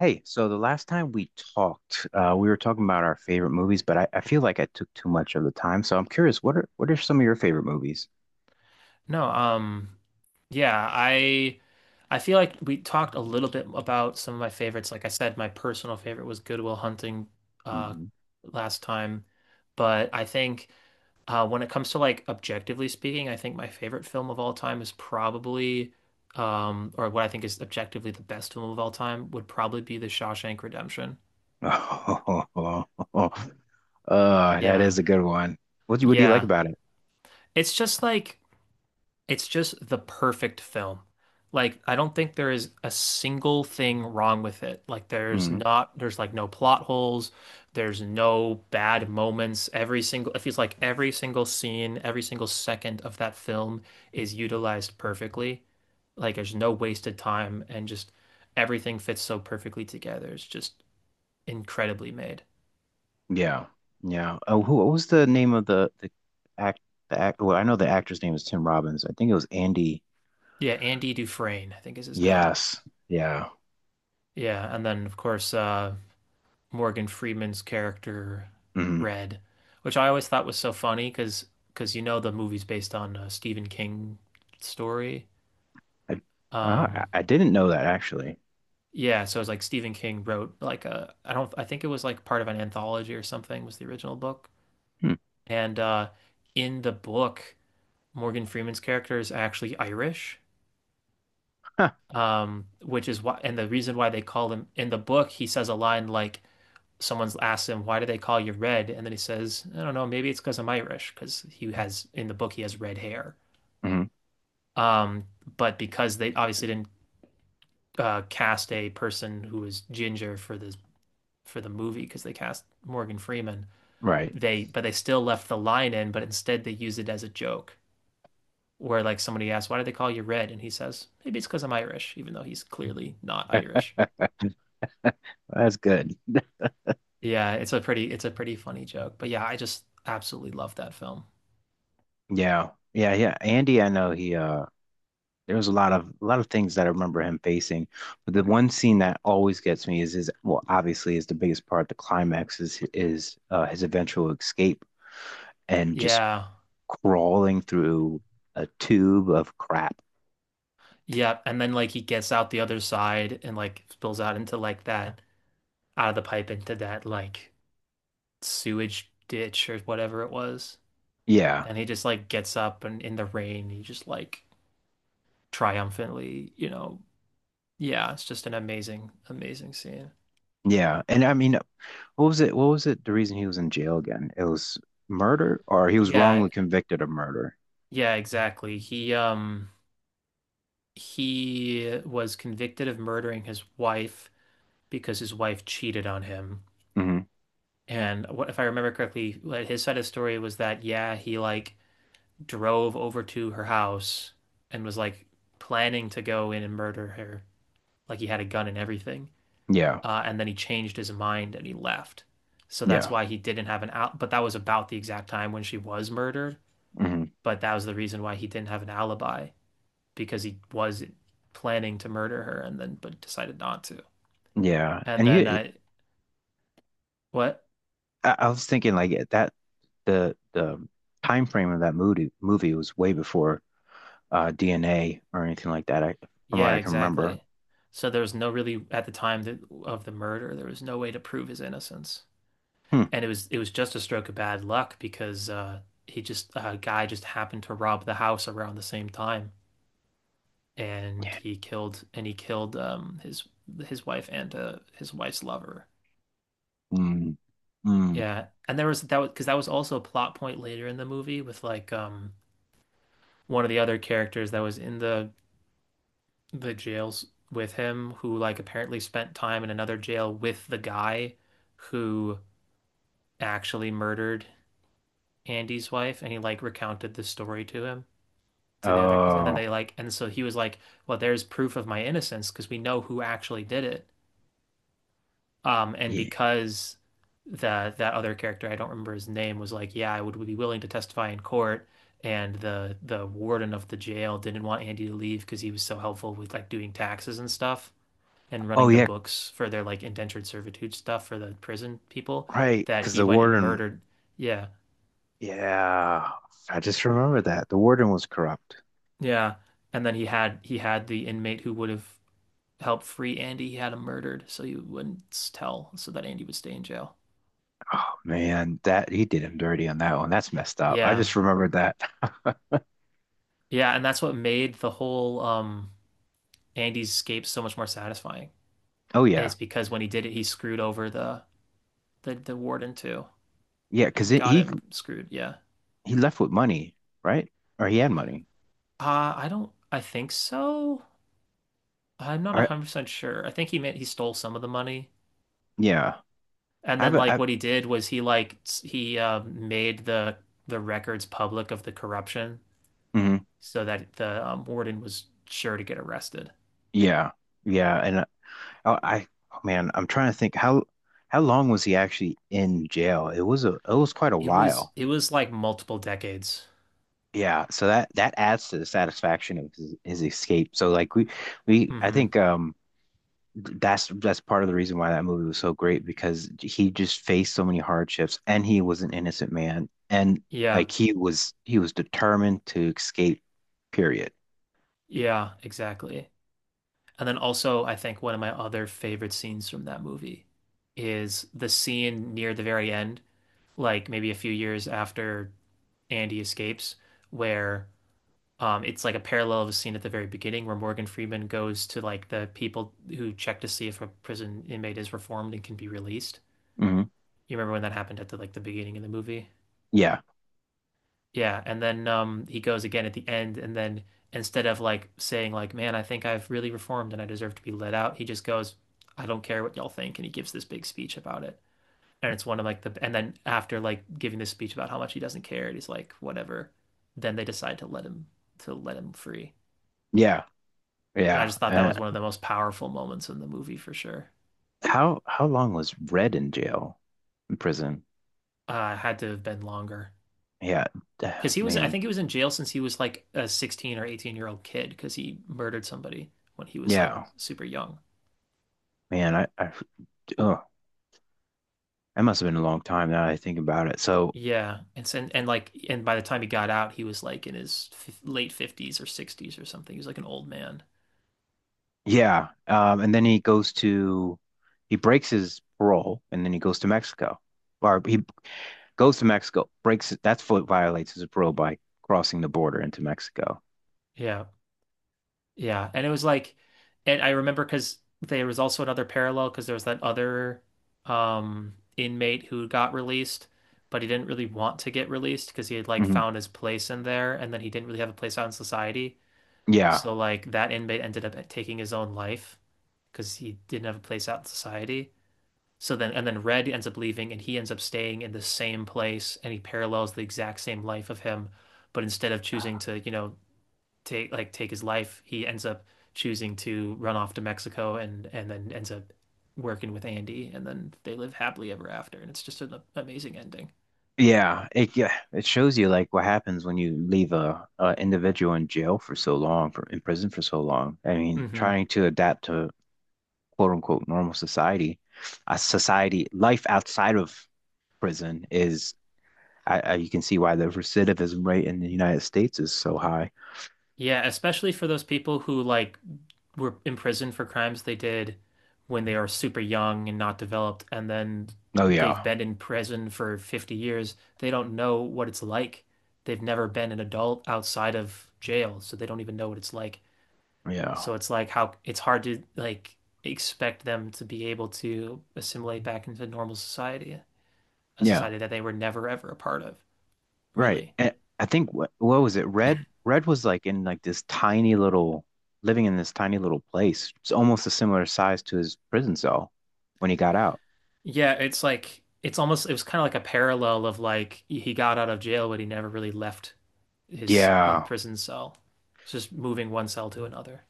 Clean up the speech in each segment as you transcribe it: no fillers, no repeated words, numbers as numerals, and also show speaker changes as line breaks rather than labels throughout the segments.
Hey, so the last time we talked, we were talking about our favorite movies, but I feel like I took too much of the time. So I'm curious, what are some of your favorite movies?
No, yeah, I feel like we talked a little bit about some of my favorites. Like I said, my personal favorite was Good Will Hunting uh
Hmm.
last time. But I think when it comes to like objectively speaking, I think my favorite film of all time is probably or what I think is objectively the best film of all time would probably be The Shawshank Redemption.
Oh, that
Yeah.
is a good one. What do you like
Yeah.
about it?
It's just like It's just the perfect film. Like, I don't think there is a single thing wrong with it. Like,
Hmm.
there's like no plot holes. There's no bad moments. It feels like every single scene, every single second of that film is utilized perfectly. Like, there's no wasted time and just everything fits so perfectly together. It's just incredibly made.
Yeah, yeah. Oh, who, what was the name of the act the act? Well, I know the actor's name is Tim Robbins. I think it was Andy.
Yeah, Andy Dufresne, I think is his name.
Yes, yeah.
Yeah, and then of course, Morgan Freeman's character
Hmm.
read, which I always thought was so funny because you know the movie's based on a Stephen King story.
I,
Um,
I didn't know that actually.
yeah, so it's like Stephen King wrote like a I don't I think it was like part of an anthology or something was the original book.
Hmm.
And in the book, Morgan Freeman's character is actually Irish,
Huh.
which is why and the reason why they call him in the book he says a line like someone's asks him, why do they call you red? And then he says, I don't know, maybe it's because I'm Irish, because he has in the book he has red hair.
Mhm.
Um, but because they obviously didn't cast a person who was ginger for this for the movie, because they cast Morgan Freeman,
Right.
they but they still left the line in, but instead they use it as a joke. Where like somebody asks, why do they call you red? And he says, maybe it's because I'm Irish, even though he's clearly not Irish.
That's good.
Yeah, it's a pretty funny joke. But yeah, I just absolutely love that film.
Yeah. Yeah, yeah. Andy, I know he there was a lot of things that I remember him facing. But the one scene that always gets me is his well, obviously is the biggest part, the climax is his eventual escape and just
Yeah,
crawling through a tube of crap.
yeah, and then like he gets out the other side and like spills out into like that out of the pipe into that like sewage ditch or whatever it was.
Yeah.
And he just like gets up and in the rain he just like triumphantly, you know. Yeah, it's just an amazing, amazing scene.
Yeah. And I mean, what was it? What was it? The reason he was in jail again? It was murder or he was
Yeah,
wrongly convicted of murder.
yeah, exactly. He was convicted of murdering his wife because his wife cheated on him.
Hmm.
And what if I remember correctly, what his side of the story was that yeah, he like drove over to her house and was like planning to go in and murder her. Like he had a gun and everything.
Yeah.
And then he changed his mind and he left. So that's
Yeah.
why he didn't have an out. But that was about the exact time when she was murdered.
Hmm.
But that was the reason why he didn't have an alibi because he was planning to murder her and then but decided not to.
Yeah.
And
And
then
you
what?
I was thinking like that the time frame of that movie was way before DNA or anything like that. From what
Yeah,
I can remember.
exactly. So there was no really at of the murder, there was no way to prove his innocence.
Hmm.
And it was just a stroke of bad luck because he just a guy just happened to rob the house around the same time, and
Yeah.
he killed his wife and his wife's lover.
Mm, mm.
Yeah, and there was that was because that was also a plot point later in the movie with like one of the other characters that was in the jails with him who like apparently spent time in another jail with the guy who actually murdered Andy's wife and he like recounted the story to him. To the other and then
Oh,
they like and so he was like, well, there's proof of my innocence because we know who actually did it. And
yeah.
because The that other character, I don't remember his name, was like, yeah, I would be willing to testify in court. And the warden of the jail didn't want Andy to leave because he was so helpful with like doing taxes and stuff and
Oh,
running the
yeah.
books for their like indentured servitude stuff for the prison people
Right.
that
Because
he
the
went and
warden.
murdered. Yeah,
Yeah. I just remember that the warden was corrupt.
yeah, and then he had the inmate who would have help free Andy. He had him murdered, so he wouldn't tell, so that Andy would stay in jail.
Oh, man, that he did him dirty on that one. That's messed up. I
Yeah.
just remembered that.
Yeah, and that's what made the whole Andy's escape so much more satisfying.
Oh
Is
yeah,
because when he did it, he screwed over the warden too
yeah. Because
and got him screwed. Yeah.
he left with money, right? Or he had money.
I think so. I'm not
I
100% sure. I think he meant he stole some of the money.
yeah.
And
I've
then
I
like
have a.
what he did was he made the records public of the corruption
Mhm.
so that the warden was sure to get arrested.
Yeah, yeah, I, oh, man, I'm trying to think how long was he actually in jail? It was a it was quite a
It was
while.
it was like multiple decades.
Yeah, so that that adds to the satisfaction of his escape. So like we I
Hmm.
think that's part of the reason why that movie was so great because he just faced so many hardships and he was an innocent man and
Yeah.
like he was determined to escape, period.
Yeah, exactly. And then also I think one of my other favorite scenes from that movie is the scene near the very end, like maybe a few years after Andy escapes, where it's like a parallel of a scene at the very beginning where Morgan Freeman goes to like the people who check to see if a prison inmate is reformed and can be released.
Hmm.
You remember when that happened at the like the beginning of the movie?
Yeah,
Yeah, and then he goes again at the end and then instead of like saying like, "Man, I think I've really reformed and I deserve to be let out," he just goes, "I don't care what y'all think," and he gives this big speech about it. And it's one of then after like giving this speech about how much he doesn't care, and he's like, "Whatever." Then they decide to let him free.
yeah,
And I
yeah.
just thought that was one of the most powerful moments in the movie for sure.
How long was Red in jail? In prison.
Had to have been longer.
Yeah, ah,
Because I
man.
think he was in jail since he was like a 16 or 18-year-old kid because he murdered somebody when he was like
Yeah,
super young.
man. Oh, that must have been a long time now that I think about it. So,
Yeah, and like and by the time he got out, he was like in his f late 50s or 60s or something. He was like an old man.
yeah. And then he breaks his parole and then he goes to Mexico. Or he goes to Mexico, breaks it. That's what violates his parole by crossing the border into Mexico.
Yeah. Yeah, and it was like and I remember because there was also another parallel because there was that other inmate who got released, but he didn't really want to get released because he had like
Hmm.
found his place in there and then he didn't really have a place out in society.
Yeah.
So like that inmate ended up taking his own life because he didn't have a place out in society. So then, and then Red ends up leaving and he ends up staying in the same place and he parallels the exact same life of him. But instead of choosing to, you know, take his life, he ends up choosing to run off to Mexico and then ends up working with Andy and then they live happily ever after. And it's just an amazing ending.
Yeah. It, yeah. It shows you like what happens when you leave a individual in jail for so long, for in prison for so long. I mean,
Hmm.
trying to adapt to quote unquote normal society. A society life outside of prison is you can see why the recidivism rate in the United States is so high.
Yeah, especially for those people who like were imprisoned for crimes they did when they are super young and not developed, and then
Oh
they've
yeah,
been in prison for 50 years. They don't know what it's like. They've never been an adult outside of jail, so they don't even know what it's like.
yeah,
So it's like how it's hard to like expect them to be able to assimilate back into normal society, a
yeah,
society that they were never ever a part of,
right.
really.
And I think what was it? Red was like in like this tiny little living in this tiny little place. It's almost a similar size to his prison cell when he got out.
Yeah, it's like it's almost it was kind of like a parallel of like he got out of jail, but he never really left his
Yeah.
prison cell. It's just moving one cell to another.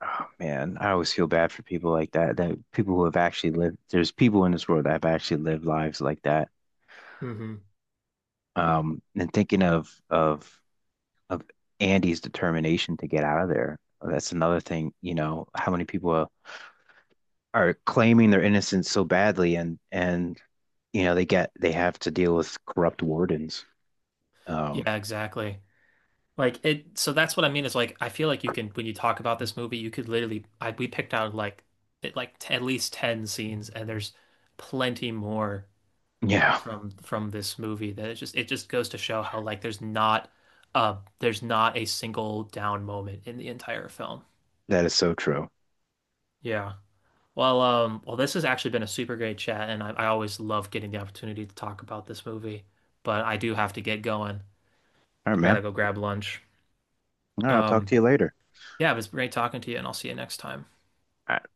Oh, man, I always feel bad for people like that. That people who have actually lived, there's people in this world that have actually lived lives like that.
Hmm.
And thinking of of Andy's determination to get out of there, that's another thing, you know, how many people are claiming their innocence so badly and you know, they have to deal with corrupt wardens. Um,
Yeah, exactly. Like it. So that's what I mean is like I feel like you can when you talk about this movie, you could literally I we picked out like it, like t at least 10 scenes, and there's plenty more
yeah,
from this movie that it just goes to show how like there's not a single down moment in the entire film.
that is so true.
Yeah. Well, well, this has actually been a super great chat, and I always love getting the opportunity to talk about this movie. But I do have to get going.
All right,
I gotta
man.
go grab lunch.
All right, I'll talk
Um,
to you later.
yeah, it was great talking to you, and I'll see you next time.
All right.